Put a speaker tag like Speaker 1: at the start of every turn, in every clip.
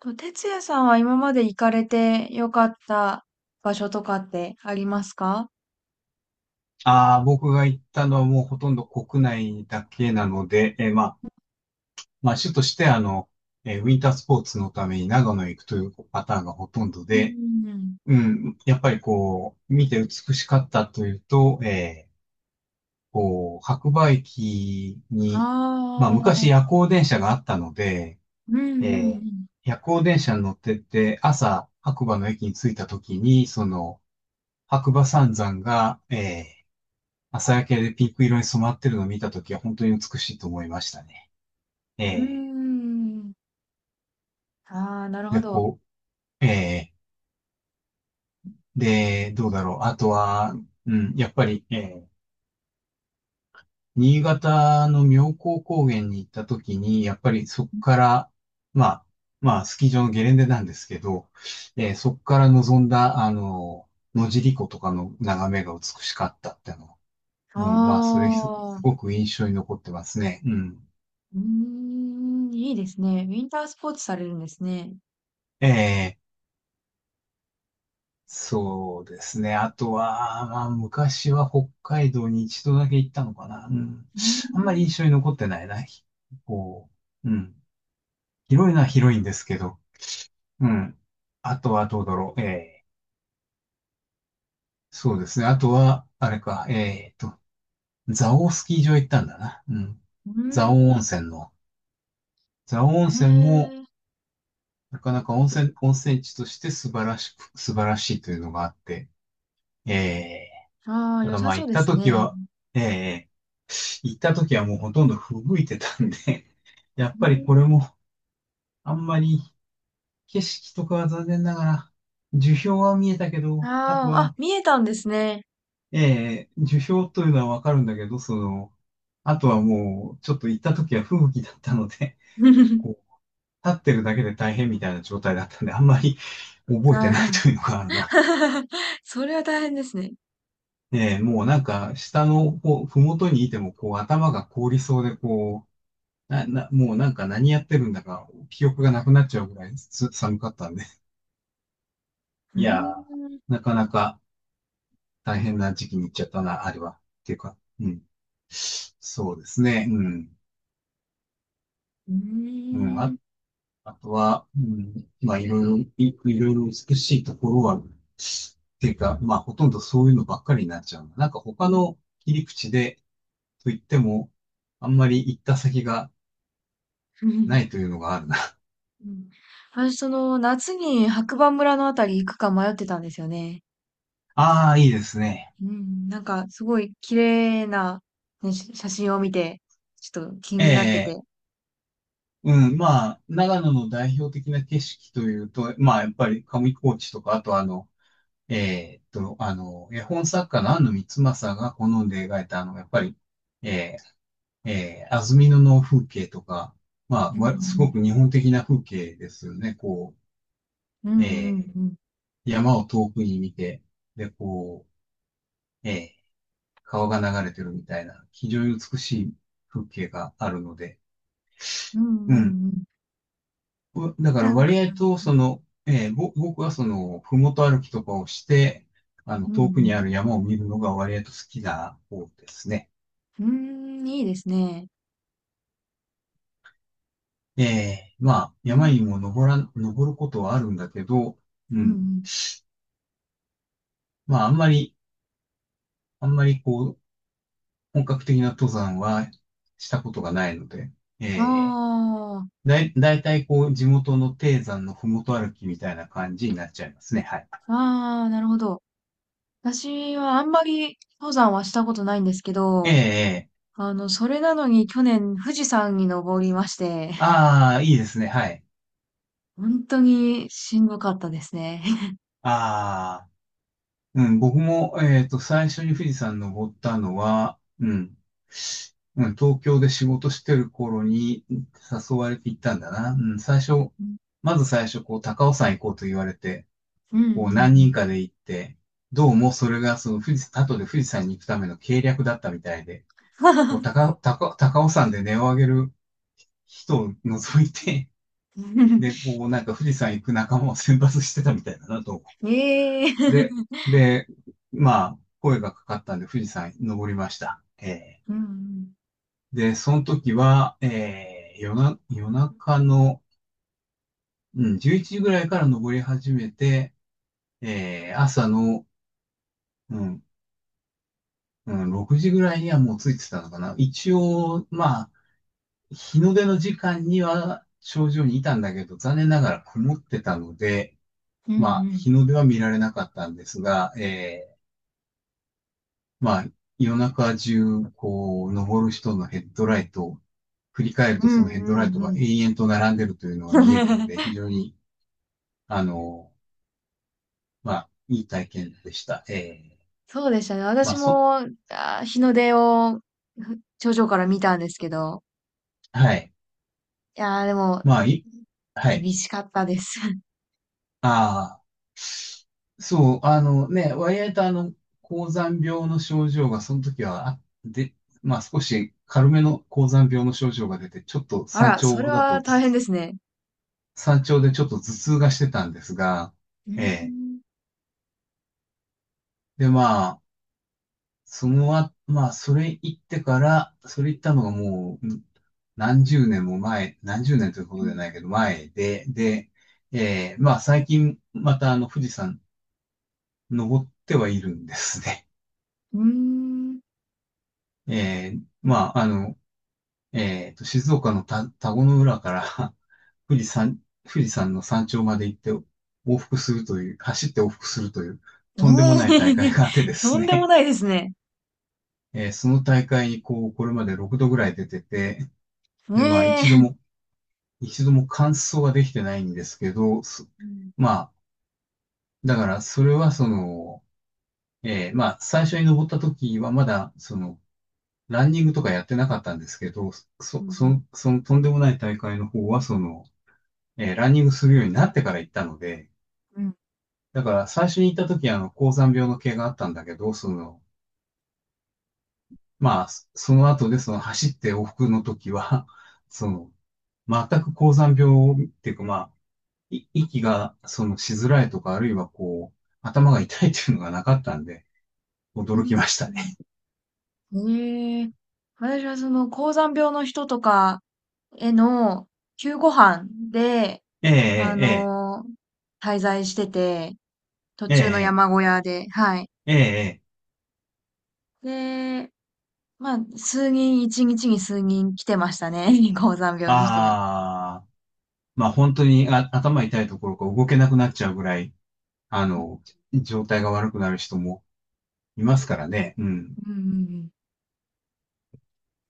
Speaker 1: と、哲也さんは今まで行かれてよかった場所とかってありますか？
Speaker 2: ああ、僕が行ったのはもうほとんど国内だけなので、まあ、主としてウィンタースポーツのために長野へ行くというパターンがほとんど
Speaker 1: う
Speaker 2: で、
Speaker 1: んうんうん。
Speaker 2: うん、やっぱりこう、見て美しかったというと、こう、白馬駅に、まあ、
Speaker 1: あ
Speaker 2: 昔夜
Speaker 1: あ、
Speaker 2: 行電車があったので、
Speaker 1: うんうんう
Speaker 2: えー
Speaker 1: ん。
Speaker 2: 夜行電車に乗ってって、朝、白馬の駅に着いた時に、その、白馬三山が、ー朝焼けでピンク色に染まってるのを見たときは本当に美しいと思いましたね。え
Speaker 1: う
Speaker 2: え
Speaker 1: ーん。ああ、なるほ
Speaker 2: で、
Speaker 1: ど。
Speaker 2: こう、ええで、どうだろう。あとは、うん、やっぱり、ええ新潟の妙高高原に行ったときに、やっぱりそこから、まあ、まあ、スキー場のゲレンデなんですけど、ええそこから望んだ、野尻湖とかの眺めが美しかったっての。うん、まあ、それす、
Speaker 1: あ
Speaker 2: す
Speaker 1: あ、
Speaker 2: ごく印象に残ってますね。うん。
Speaker 1: うーん、いいですね。ウィンタースポーツされるんですね。
Speaker 2: ええそうですね。あとは、まあ、昔は北海道に一度だけ行ったのかな。うん。
Speaker 1: うー
Speaker 2: あんまり
Speaker 1: ん、
Speaker 2: 印象に残ってないな。ひこう、うん。広いのは広いんですけど、うん。あとはどうだろう。ええ、そうですね。あとは、あれか、蔵王スキー場行ったんだな。うん。蔵王温
Speaker 1: う
Speaker 2: 泉の。蔵王
Speaker 1: ー
Speaker 2: 温
Speaker 1: ん、
Speaker 2: 泉も、
Speaker 1: へえ。
Speaker 2: なかなか温泉地として素晴らしいというのがあって、ええ。
Speaker 1: ああ、
Speaker 2: た
Speaker 1: 良
Speaker 2: だ
Speaker 1: さ
Speaker 2: まあ
Speaker 1: そう
Speaker 2: 行っ
Speaker 1: で
Speaker 2: た
Speaker 1: す
Speaker 2: 時
Speaker 1: ね。
Speaker 2: は、ええもうほとんど吹雪いてたんで、やっ
Speaker 1: う
Speaker 2: ぱり
Speaker 1: ー
Speaker 2: これ
Speaker 1: ん、
Speaker 2: もあんまり景色とかは残念ながら、樹氷は見えたけ
Speaker 1: あ
Speaker 2: ど、あと
Speaker 1: あ、あ、
Speaker 2: は、
Speaker 1: 見えたんですね。
Speaker 2: ええ樹氷というのはわかるんだけど、あとはもうちょっと行った時は吹雪だったので、こう、立ってるだけで大変みたいな状態だったんで、あんまり覚え
Speaker 1: あ
Speaker 2: てない
Speaker 1: ら。
Speaker 2: というのがあるな。
Speaker 1: それは大変ですね。
Speaker 2: ええもうなんか下のこう、ふもとにいてもこう頭が凍りそうでこな、な、もうなんか何やってるんだか、記憶がなくなっちゃうぐらい寒かったんで。
Speaker 1: うー
Speaker 2: いや
Speaker 1: ん。
Speaker 2: ー、なかなか大変な時期に行っちゃったな、あれは。っていうか、うん。そうですね、うん。
Speaker 1: う
Speaker 2: うん、
Speaker 1: ーん。
Speaker 2: あとは、うん、まあいろいろ美しいところは、っていうか、まあほとんどそういうのばっかりになっちゃうな。なんか他
Speaker 1: う
Speaker 2: の切り口で、と言っても、あんまり行った先がな
Speaker 1: ん。
Speaker 2: いと いうのがあるな。
Speaker 1: うん。私、その、夏に白馬村のあたり行くか迷ってたんですよね。
Speaker 2: ああ、いいですね。
Speaker 1: うん。なんか、すごい綺麗な、ね、し写真を見て、ちょっと気になって
Speaker 2: ええ
Speaker 1: て。
Speaker 2: うん、まあ、長野の代表的な景色というと、まあ、やっぱり上高地とか、あと絵本作家の安野光政が好んで描いた、やっぱり、え安曇野の風景とか、まあ、
Speaker 1: うんう
Speaker 2: すご
Speaker 1: ん。
Speaker 2: く日本的な風景ですよね。こ
Speaker 1: うん
Speaker 2: う、
Speaker 1: うんうん。
Speaker 2: 山を遠くに見て、で、こう、川が流れてるみたいな、非常に美しい風景があるので、
Speaker 1: うんう
Speaker 2: うん。
Speaker 1: んうん。
Speaker 2: だか
Speaker 1: な
Speaker 2: ら
Speaker 1: んか
Speaker 2: 割合
Speaker 1: な、
Speaker 2: と、
Speaker 1: うん
Speaker 2: その、えーぼ、僕はその、ふもと歩きとかをして、あの、
Speaker 1: う
Speaker 2: 遠くに
Speaker 1: ん
Speaker 2: ある山を見るのが割合と好きな方ですね。
Speaker 1: うーん、いいですね。
Speaker 2: まあ、
Speaker 1: う
Speaker 2: 山に
Speaker 1: ん。
Speaker 2: も登らん、登ることはあるんだけど、う
Speaker 1: うんう
Speaker 2: ん。
Speaker 1: ん。
Speaker 2: まあ、あんまりこう、本格的な登山はしたことがないので、
Speaker 1: あ
Speaker 2: えだいたいこう、地元の低山のふもと歩きみたいな感じになっちゃいますね。はい。
Speaker 1: あ、ああ、なるほど。私はあんまり登山はしたことないんですけ
Speaker 2: え
Speaker 1: ど、
Speaker 2: え
Speaker 1: あの、それなのに去年富士山に登りまして、
Speaker 2: ああー、いいですね。はい。
Speaker 1: 本当にしんどかったですね。
Speaker 2: ああ。うん、僕も、最初に富士山登ったのは、うん、うん、東京で仕事してる頃に誘われて行ったんだな。うん、
Speaker 1: うん、
Speaker 2: まず最初、こう、高尾山行こうと言われて、
Speaker 1: うん、う
Speaker 2: こう、何人
Speaker 1: ん。
Speaker 2: かで行って、どうもそれが、その富士、後で富士山に行くための計略だったみたいで、こう、高尾山で音を上げる人を除いて、
Speaker 1: うん
Speaker 2: で、こう、なんか富士山行く仲間を選抜してたみたいだなと
Speaker 1: え
Speaker 2: で、
Speaker 1: え
Speaker 2: で、まあ、声がかかったんで富士山登りました。
Speaker 1: うん、
Speaker 2: で、その時は、夜中の、うん、11時ぐらいから登り始めて、朝の、うん、うん、6時ぐらいにはもう着いてたのかな。一応、まあ、日の出の時間には頂上にいたんだけど、残念ながら曇ってたので、
Speaker 1: うん、う
Speaker 2: まあ、
Speaker 1: ん、
Speaker 2: 日の出は見られなかったんですが、ーまあ、夜中中、こう、登る人のヘッドライトを振り返る
Speaker 1: う
Speaker 2: と
Speaker 1: ん、
Speaker 2: そ
Speaker 1: う
Speaker 2: のヘッド
Speaker 1: ん、うん
Speaker 2: ラ
Speaker 1: う
Speaker 2: イ
Speaker 1: んう
Speaker 2: ト
Speaker 1: んう
Speaker 2: が
Speaker 1: んうん
Speaker 2: 永遠と並んでるというのが見えるので、非 常に、あの、まあ、いい体験でした。ええ
Speaker 1: そうでしたね。
Speaker 2: ま
Speaker 1: 私
Speaker 2: あ、そ、
Speaker 1: も、あー、日の出をふ頂上から見たんですけど、
Speaker 2: はい。
Speaker 1: いやーでも、
Speaker 2: まあ、い、は
Speaker 1: 厳
Speaker 2: い。
Speaker 1: しかったです。
Speaker 2: ああ、そう、あのね、割合とあの、高山病の症状がその時は、あ、で、まあ少し軽めの高山病の症状が出て、ちょっと
Speaker 1: あ
Speaker 2: 山
Speaker 1: ら、それ
Speaker 2: 頂だ
Speaker 1: は
Speaker 2: と
Speaker 1: 大
Speaker 2: ず
Speaker 1: 変ですね。
Speaker 2: 山頂でちょっと頭痛がしてたんですが、
Speaker 1: うー
Speaker 2: ええ
Speaker 1: ん。
Speaker 2: で、まあ、それ行ったのがもう、何十年も前、何十年ということじゃないけど、前で、で、まあ、最近、また、あの、富士山、登ってはいるんですね。
Speaker 1: うーん。
Speaker 2: まあ、あの、静岡の田子の浦から 富士山の山頂まで行って、往復するという、走って往復するという、
Speaker 1: え
Speaker 2: とんでもない大
Speaker 1: え
Speaker 2: 会があってで
Speaker 1: と
Speaker 2: す
Speaker 1: んでも
Speaker 2: ね。
Speaker 1: ないですね。
Speaker 2: その大会に、こう、これまで6度ぐらい出てて、で、まあ、一度
Speaker 1: ええ
Speaker 2: も、一度も完走ができてないんですけど、
Speaker 1: うん、
Speaker 2: まあ、だからそれはその、まあ、最初に登った時はまだ、その、ランニングとかやってなかったんですけど、
Speaker 1: うん、
Speaker 2: そのとんでもない大会の方は、その、ランニングするようになってから行ったので、
Speaker 1: うん、
Speaker 2: だから最初に行った時は、あの、高山病の系があったんだけど、その、まあ、その後でその走って往復の時は、その、全く高山病っていうか、まあ、息が、その、しづらいとか、あるいはこう、頭が痛いっていうのがなかったんで、
Speaker 1: う
Speaker 2: 驚き
Speaker 1: ん。
Speaker 2: ましたね。
Speaker 1: うんええ私はその、高山病の人とかへの救護班で、
Speaker 2: え
Speaker 1: あ
Speaker 2: え、
Speaker 1: のー滞在してて、途
Speaker 2: ええ、え
Speaker 1: 中の
Speaker 2: え、
Speaker 1: 山小屋で、はい。
Speaker 2: ええ、ええ、
Speaker 1: で、まあ、数人、一日に数人来てましたね。高山病の人が。
Speaker 2: ああ、まあ本当に頭痛いところか動けなくなっちゃうぐらい、あ
Speaker 1: うん、
Speaker 2: の、状態が悪くなる人もいますからね。うん。
Speaker 1: うん、うん。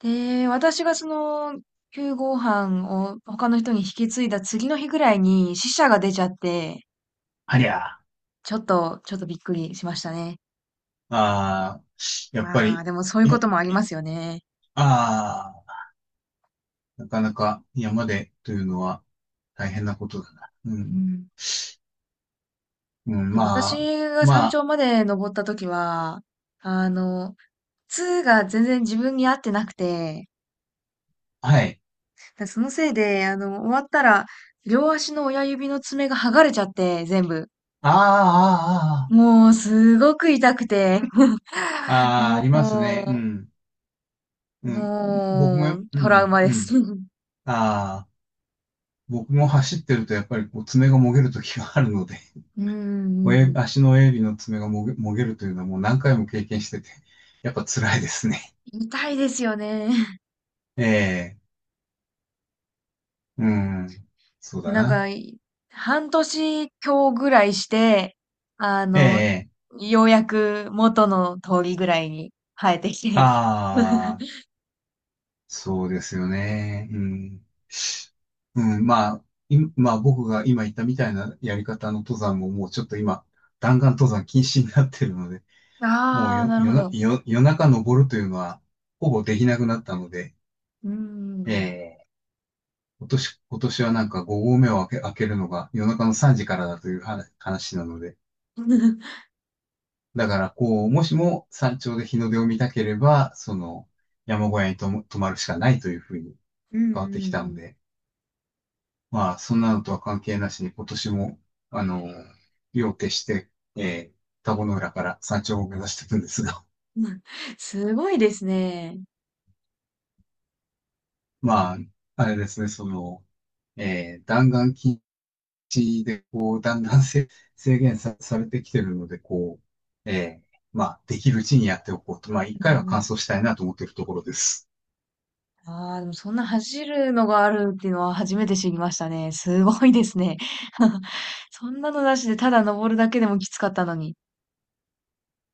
Speaker 1: で、私がその、9号飯を他の人に引き継いだ次の日ぐらいに死者が出ちゃって、
Speaker 2: ありゃあ、
Speaker 1: ちょっと、ちょっとびっくりしましたね。
Speaker 2: ああ、やっぱ
Speaker 1: まあ、
Speaker 2: り、
Speaker 1: でもそういう
Speaker 2: い
Speaker 1: こ
Speaker 2: や、
Speaker 1: ともありますよね。
Speaker 2: ああ、なかなか山でというのは大変なことだな。う
Speaker 1: う
Speaker 2: ん。
Speaker 1: ん。
Speaker 2: うん、ま
Speaker 1: 私
Speaker 2: あ、
Speaker 1: が山
Speaker 2: ま
Speaker 1: 頂まで登った時は、あの、痛が全然自分に合ってなくて、
Speaker 2: あ、はい。
Speaker 1: だそのせいで、あの、終わったら、両足の親指の爪が剥がれちゃって、全部。
Speaker 2: ああ、
Speaker 1: もう、すごく痛くて。
Speaker 2: ああ、ああ、ああ
Speaker 1: も
Speaker 2: ありますね。う
Speaker 1: う、
Speaker 2: ん。うん。僕も、う
Speaker 1: トラウ
Speaker 2: ん、
Speaker 1: マ
Speaker 2: う
Speaker 1: です。
Speaker 2: ん。
Speaker 1: う
Speaker 2: ああ、僕も走ってるとやっぱりこう爪がもげる時があるので、
Speaker 1: んうん う
Speaker 2: 親
Speaker 1: ん。
Speaker 2: 足の親指の爪がもげるというのはもう何回も経験してて、やっぱ辛いですね。
Speaker 1: 痛いですよね。
Speaker 2: ええ、うん。そう
Speaker 1: で、
Speaker 2: だ
Speaker 1: なん
Speaker 2: な。
Speaker 1: か、い半年強ぐらいして、あ
Speaker 2: え
Speaker 1: の、
Speaker 2: え、
Speaker 1: ようやく元の通りぐらいに生えてきて。
Speaker 2: ああ、そうですよね。うん。うん、まあ、まあ僕が今言ったみたいなやり方の登山ももうちょっと今、弾丸登山禁止になってるので、もう
Speaker 1: ああ、
Speaker 2: よ
Speaker 1: なるほ
Speaker 2: 夜な、
Speaker 1: ど。
Speaker 2: 夜、夜中登るというのは、ほぼできなくなったので、
Speaker 1: う
Speaker 2: え
Speaker 1: ん
Speaker 2: え、今年はなんか5合目を開けるのが夜中の3時からだという話なので、
Speaker 1: うんうん。
Speaker 2: だからこう、もしも山頂で日の出を見たければ、その山小屋にとも泊まるしかないというふうに
Speaker 1: うん
Speaker 2: 変わってき
Speaker 1: う
Speaker 2: たの
Speaker 1: ん
Speaker 2: で、まあ、そんなのとは関係なしに今年も、あの、夜を徹して、えー、田子の浦から山頂を目指していくんですが、
Speaker 1: うん すごいですね。
Speaker 2: まあ、あれですね、その、弾丸筋ちで、こう、だんだん制限さ、されてきてるので、こう、ええまあ、できるうちにやっておこうと。まあ、
Speaker 1: う
Speaker 2: 一回は完
Speaker 1: ん
Speaker 2: 走したいなと思っているところです。
Speaker 1: ああ、でもそんな走るのがあるっていうのは初めて知りましたね。すごいですね。そんなのなしでただ登るだけでもきつかったのに。